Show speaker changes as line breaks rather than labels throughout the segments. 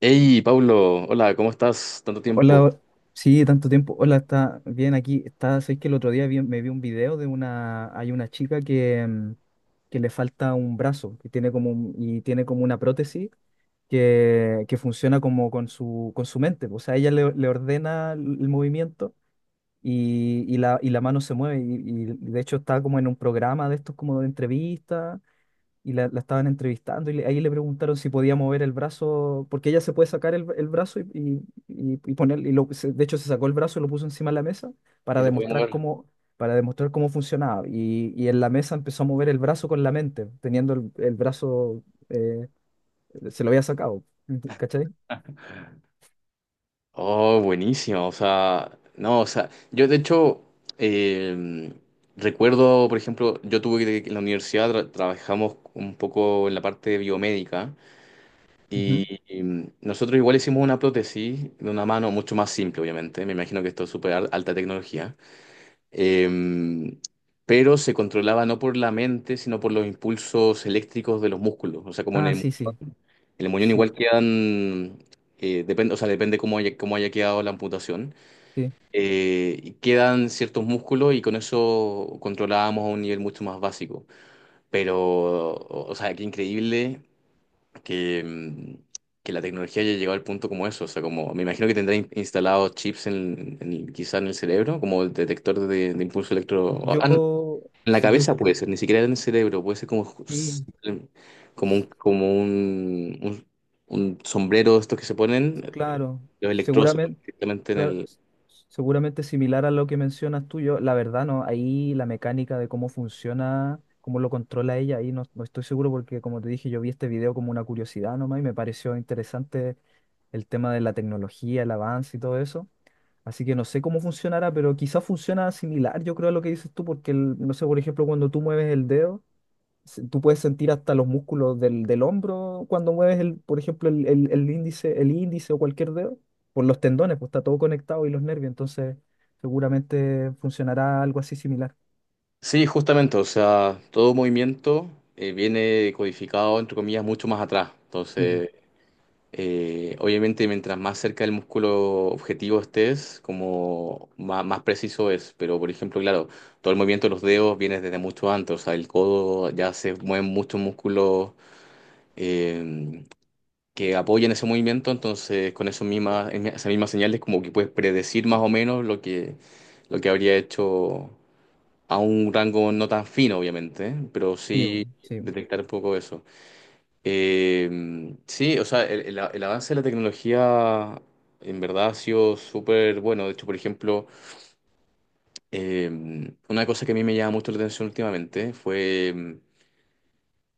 Hey, Pablo, hola, ¿cómo estás? Tanto tiempo.
Hola, sí, tanto tiempo. Hola, está bien aquí. Está, sé que el otro día me vi un video de una, hay una chica que, que le falta un brazo que tiene como y tiene como una prótesis que funciona como con su mente. O sea, ella le, le ordena el movimiento y la mano se mueve. Y de hecho está como en un programa de estos como de entrevistas y la estaban entrevistando y ahí le preguntaron si podía mover el brazo, porque ella se puede sacar el brazo y, y poner, y lo, de hecho se sacó el brazo y lo puso encima de la mesa
¿Y
para
lo podemos
demostrar
ver?
cómo, para demostrar cómo funcionaba. Y en la mesa empezó a mover el brazo con la mente, teniendo el brazo, eh, se lo había sacado, ¿cachai?
Oh, buenísimo. O sea, no, o sea, yo de hecho eh, recuerdo, por ejemplo, yo tuve que en la universidad trabajamos un poco en la parte biomédica
Ujú.
y nosotros igual hicimos una prótesis de una mano mucho más simple, obviamente. Me imagino que esto es súper alta tecnología. Em, pero se controlaba no por la mente, sino por los impulsos eléctricos de los músculos. O sea, como en
Ah,
el
sí, sí,
en el muñón igual
sí,
quedan, depende, o sea, depende cómo haya quedado la amputación,
sí.
y quedan ciertos músculos y con eso controlábamos a un nivel mucho más básico. Pero, o sea, qué increíble que, que la tecnología haya llegado al punto como eso. O sea, como me imagino que tendrá instalados chips en, quizá en el cerebro, como el detector de impulso electro... Ah, no,
Yo,
en la
sí, yo,
cabeza puede ser, ni siquiera en el cerebro, puede ser como,
sí,
como un,
s-
como un, un- un sombrero, estos que se ponen,
claro,
los electrodos se ponen
seguramente.
directamente en
Claro,
el...
seguramente similar a lo que mencionas tú, yo, la verdad no, ahí la mecánica de cómo funciona, cómo lo controla ella, ahí no, no estoy seguro porque como te dije, yo vi este video como una curiosidad nomás y me pareció interesante el tema de la tecnología, el avance y todo eso. Así que no sé cómo funcionará, pero quizás funciona similar, yo creo, a lo que dices tú, porque no sé, por ejemplo, cuando tú mueves el dedo tú puedes sentir hasta los músculos del, del hombro cuando mueves, el, por ejemplo, el, el índice o cualquier dedo, por los tendones, pues está todo conectado y los nervios, entonces seguramente funcionará algo así similar.
Sí, justamente, o sea, todo movimiento viene codificado, entre comillas, mucho más atrás.
Mm.
Entonces, obviamente, mientras más cerca del músculo objetivo estés, como más, preciso es. Pero, por ejemplo, claro, todo el movimiento de los dedos viene desde mucho antes, o sea, el codo ya se mueven muchos músculos eh, que apoyan ese movimiento, entonces con eso misma, esas mismas señales como que puedes predecir más o menos lo que habría hecho a un rango no tan fino, obviamente, ¿eh? Pero
Sí, bu,
sí
sí.
detectar un poco eso. Sí, o sea, el, el avance de la tecnología en verdad ha sido súper bueno. De hecho, por ejemplo, eh, una cosa que a mí me llama mucho la atención últimamente fue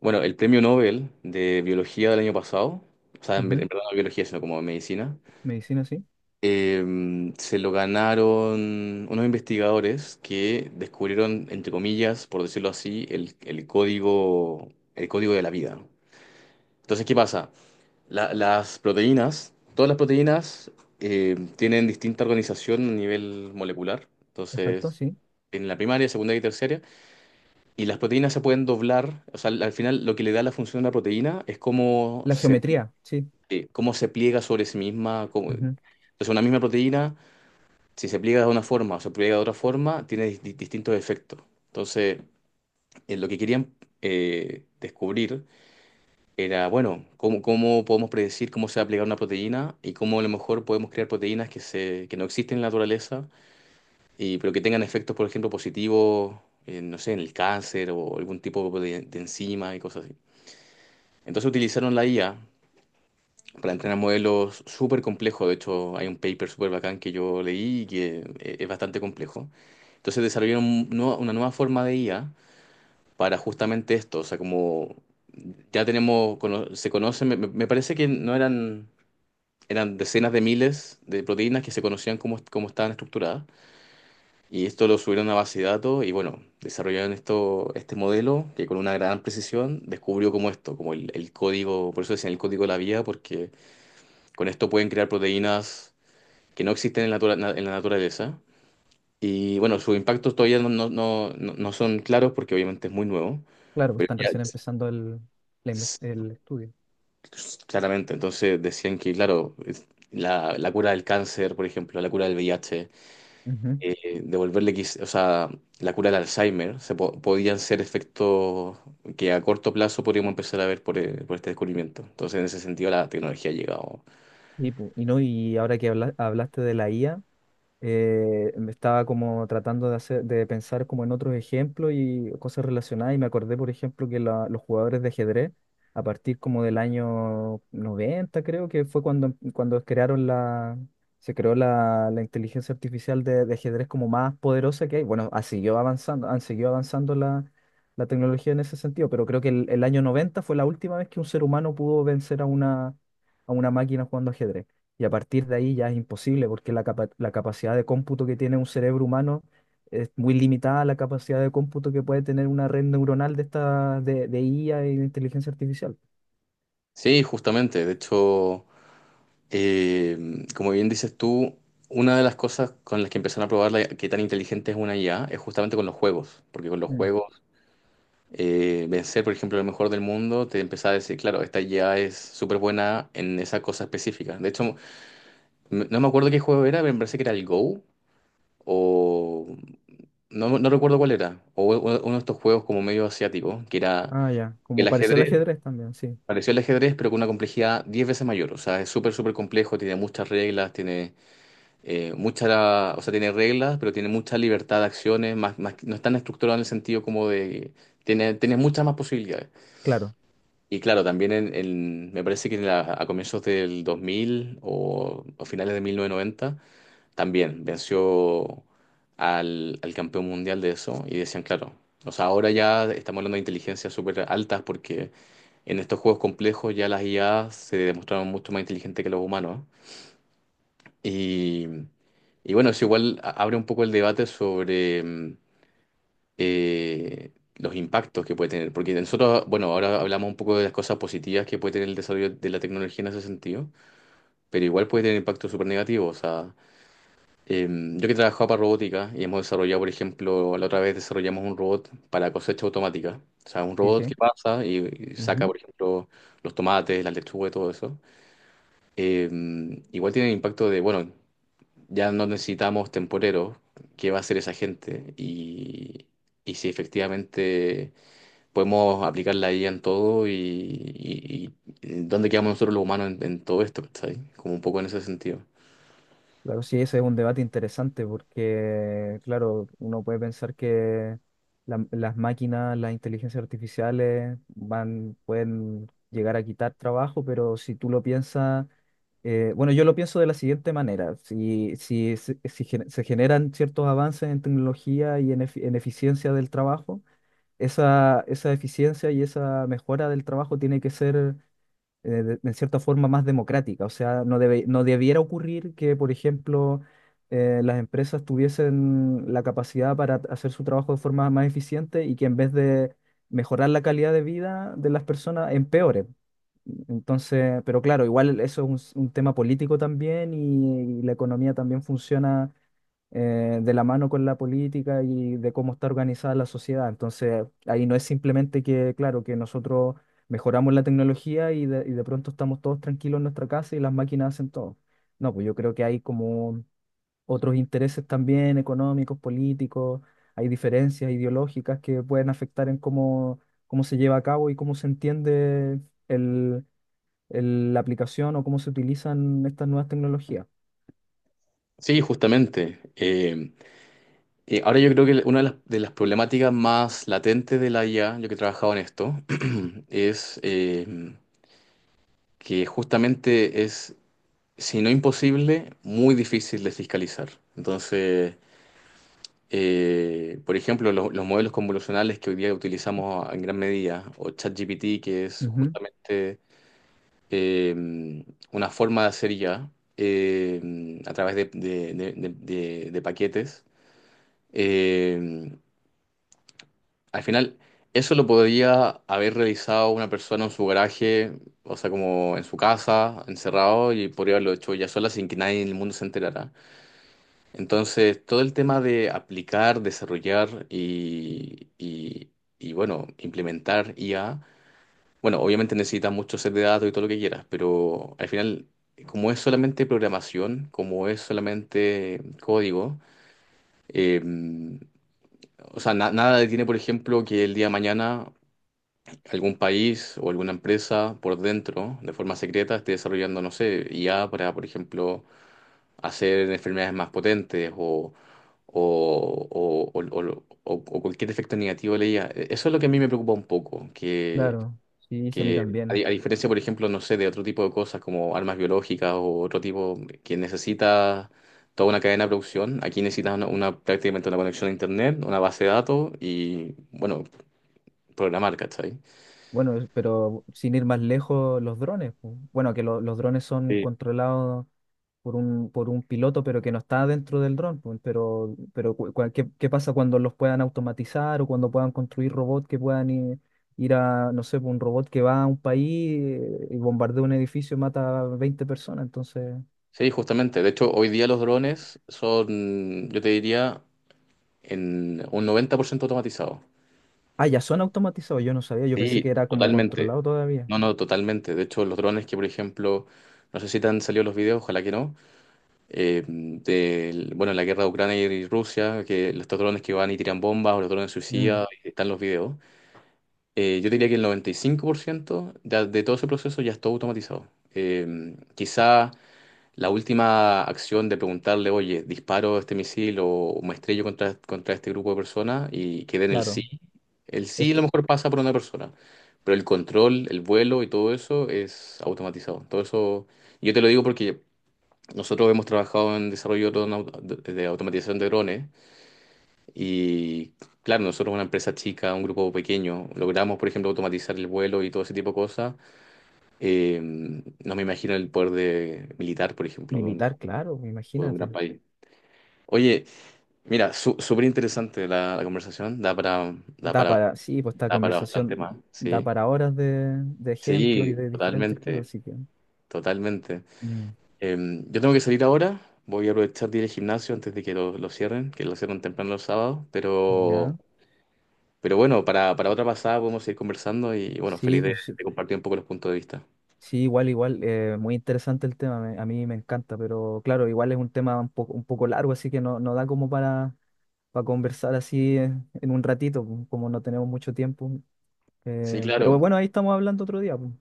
bueno, el premio Nobel de biología del año pasado, o sea, en, en
Ujú.
verdad no biología, sino como medicina,
Medicina, sí.
se lo ganaron unos investigadores que descubrieron, entre comillas, por decirlo así, el código de la vida. Entonces, ¿qué pasa? Las proteínas, todas las proteínas tienen distinta organización a nivel molecular.
Exacto,
Entonces,
sí.
en la primaria, secundaria y terciaria. Y las proteínas se pueden doblar, o sea, al final lo que le da la función a la proteína es
La geometría, sí.
cómo se pliega sobre sí misma.
Ujú.
Entonces, una misma proteína, si se pliega de una forma o se pliega de otra forma, tiene distintos efectos. Entonces, lo que querían descubrir era, bueno, cómo, cómo podemos predecir cómo se va a plegar una proteína y cómo a lo mejor podemos crear proteínas que, se, que no existen en la naturaleza, y, pero que tengan efectos, por ejemplo, positivos, no sé, en el cáncer o algún tipo de enzima y cosas así. Entonces utilizaron la IA para entrenar modelos súper complejo. De hecho, hay un paper súper bacán que yo leí y que es bastante complejo. Entonces desarrollaron una nueva forma de IA para justamente esto. O sea, como ya tenemos, se conocen, me, me parece que no eran, eran decenas de miles de proteínas que se conocían cómo, cómo estaban estructuradas. Y esto lo subieron a base de datos y bueno, desarrollaron esto, este modelo que con una gran precisión descubrió como esto, como el código, por eso decían el código de la vida, porque con esto pueden crear proteínas que no existen en la, en la naturaleza. Y bueno, sus impactos todavía no son claros porque obviamente es muy nuevo,
Claro, pues
pero
están
ya
recién empezando el,
es-
el estudio.
claramente, entonces decían que, claro, la, la cura del cáncer, por ejemplo, la cura del VIH,
Ujú.
devolverle, o sea, la cura del Alzheimer, podían ser efectos que a corto plazo podríamos empezar a ver por este descubrimiento. Entonces, en ese sentido, la tecnología ha llegado.
Y, y no, y ahora que hablaste de la IA. Me estaba como tratando de hacer, de pensar como en otros ejemplos y cosas relacionadas y me acordé, por ejemplo, que los jugadores de ajedrez, a partir como del año 90 creo que fue cuando, cuando crearon la, se creó la, la inteligencia artificial de ajedrez como más poderosa que hay. Bueno, ha seguido avanzando, han seguido avanzando la, la tecnología en ese sentido, pero creo que el año 90 fue la última vez que un ser humano pudo vencer a una máquina jugando ajedrez. Y a partir de ahí ya es imposible porque la la capacidad de cómputo que tiene un cerebro humano es muy limitada a la capacidad de cómputo que puede tener una red neuronal de esta de IA y de inteligencia artificial.
Sí, justamente, de hecho... Eh, Como bien dices tú, una de las cosas con las que empezaron a probar qué tan inteligente es una IA es justamente con los juegos, porque con los
Mm.
juegos, vencer, por ejemplo, el mejor del mundo, te empezaba a decir, claro, esta IA es súper buena en esa cosa específica. De hecho, no me acuerdo qué juego era, pero me parece que era el Go, o no, no recuerdo cuál era, o uno de estos juegos como medio asiático, que era
Ah, ya, como
el
pareció el
ajedrez,
ajedrez también, sí,
pareció el ajedrez, pero con una complejidad 10 veces mayor, o sea, es súper, súper complejo, tiene muchas reglas, tiene... mucha, o sea, tiene reglas, pero tiene mucha libertad de acciones, no es tan estructurado en el sentido como de, tiene muchas más posibilidades.
claro,
Y claro, también en, me parece que en a comienzos del 2000 o finales de 1990, también venció al, al campeón mundial de eso y decían, claro, o sea, ahora ya estamos hablando de inteligencias súper altas porque en estos juegos complejos ya las IA se demostraron mucho más inteligentes que los humanos. Y, y bueno, eso igual abre un poco el debate sobre los impactos que puede tener, porque nosotros, bueno, ahora hablamos un poco de las cosas positivas que puede tener el desarrollo de la tecnología en ese sentido, pero igual puede tener impactos súper negativos. O sea, yo que he trabajado para robótica y hemos desarrollado, por ejemplo, la otra vez desarrollamos un robot para cosecha automática. O sea, un
sí, sí.
robot que pasa y saca,
Ujú.
por ejemplo, los tomates, las lechugas y todo eso. Igual tiene impacto de, bueno, ya no necesitamos temporeros. ¿Qué va a hacer esa gente? Y si efectivamente podemos aplicar la IA en todo y, y dónde quedamos nosotros los humanos en todo esto, ¿cachai? Como un poco en ese sentido.
Claro, sí, ese es un debate interesante porque, claro, uno puede pensar que las máquinas, las inteligencias artificiales van, pueden llegar a quitar trabajo, pero si tú lo piensas, bueno, yo lo pienso de la siguiente manera, si, si, se si se generan ciertos avances en tecnología y en, en eficiencia del trabajo, esa eficiencia y esa mejora del trabajo tiene que ser de, en cierta forma más democrática. O sea, no debe, no debiera ocurrir que, por ejemplo, las empresas tuviesen la capacidad para hacer su trabajo de forma más eficiente y que en vez de mejorar la calidad de vida de las personas, empeore. Entonces, pero claro, igual eso es un tema político también y la economía también funciona de la mano con la política y de cómo está organizada la sociedad. Entonces, ahí no es simplemente que, claro, que nosotros mejoramos la tecnología y de pronto estamos todos tranquilos en nuestra casa y las máquinas hacen todo. No, pues yo creo que hay como otros intereses también económicos, políticos, hay diferencias ideológicas que pueden afectar en cómo, cómo se lleva a cabo y cómo se entiende el, la aplicación o cómo se utilizan estas nuevas tecnologías.
Sí, justamente. Ahora yo creo que una de las problemáticas más latentes de la IA, yo que he trabajado en esto, es que justamente es, si no imposible, muy difícil de fiscalizar. Entonces... Por ejemplo, los modelos convolucionales que hoy día utilizamos en gran medida, o ChatGPT, que es
Ujú.
justamente eh, una forma de hacer ya a través de, de paquetes. Eh, Al final, eso lo podría haber realizado una persona en su garaje, o sea, como en su casa, encerrado, y podría haberlo hecho ya sola sin que nadie en el mundo se enterara. Entonces, todo el tema de aplicar, desarrollar y, y, bueno, implementar IA, bueno, obviamente necesitas mucho set de datos y todo lo que quieras, pero al final, como es solamente programación, como es solamente código, eh, o sea, nada detiene, por ejemplo, que el día de mañana algún país o alguna empresa por dentro, de forma secreta, esté desarrollando, no sé, IA para, por ejemplo, hacer enfermedades más potentes o, o cualquier efecto negativo de la. Eso es lo que a mí me preocupa un poco, que, mm,
Claro, sí, sí, a mí
que a,
también.
a diferencia, por ejemplo, no sé, de otro tipo de cosas como armas biológicas o otro tipo que necesita toda una cadena de producción, aquí necesitas una, prácticamente una conexión a internet, una base de datos y, bueno, programar, ¿cachai?
Bueno, es- pero sin ir más lejos, los drones, pu. Bueno, que los drones son controlados por un piloto, pero que no está dentro del dron, pu. Pero ¿qué, qué pasa cuando los puedan automatizar o cuando puedan construir robots que puedan ir, ir a, no sé, pu, un robot que va a un país y bombardea un edificio y mata a 20 personas? Entonces,
Sí, justamente. De hecho, hoy día los drones son, yo te diría, en un 90% automatizados.
ah, ya son automatizados, yo no sabía, yo pensé que
Sí,
era como
totalmente.
controlado todavía.
No, no, totalmente. De hecho, los drones que, por ejemplo, no sé si te han salido los videos, ojalá que no, bueno, la guerra de Ucrania y Rusia, que estos drones que van y tiran bombas o los drones
Mm,
suicidas, están los videos. Yo diría que el 95% de todo ese proceso ya está automatizado. Quizá la última acción de preguntarle, oye, disparo este misil o me estrello contra, contra este grupo de personas y quede en el sí.
claro,
El sí a lo
esto
mejor pasa por una persona, pero el control, el vuelo y todo eso es automatizado. Todo eso, yo te lo digo porque nosotros hemos trabajado en desarrollo de de automatización de drones y claro, nosotros una empresa chica, un grupo pequeño, logramos, por ejemplo, automatizar el vuelo y todo ese tipo de cosas. No me imagino el poder de militar, por ejemplo,
militar, claro,
de un gran
imagínate.
país. Oye, mira, súper interesante la, la conversación, da
Da
para,
para, sí, pues esta
da para
conversación
bastante más,
da
¿sí?
para horas de ejemplo y
Sí,
de diferentes cosas,
totalmente,
así que.
totalmente.
mm,
Eh, yo tengo que salir ahora, voy a aprovechar de ir al gimnasio antes de que lo cierren, que lo cierran temprano los sábados,
Ya.
pero bueno, para otra pasada podemos seguir conversando y bueno,
Sí,
feliz
pues sí.
de compartir un poco los puntos de vista.
Sí, igual, igual. Muy interesante el tema, a mí me encanta, pero claro, igual es un tema un poco largo, así que no, no da como para conversar así en un ratito, pues, como no tenemos mucho tiempo.
Sí,
Pero
claro.
bueno, ahí estamos hablando otro día, pues.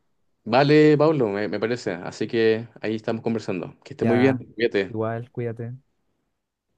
Vale, Pablo, me parece. Así que ahí estamos conversando. Que esté muy bien,
Ya,
cuídate.
igual, cuídate.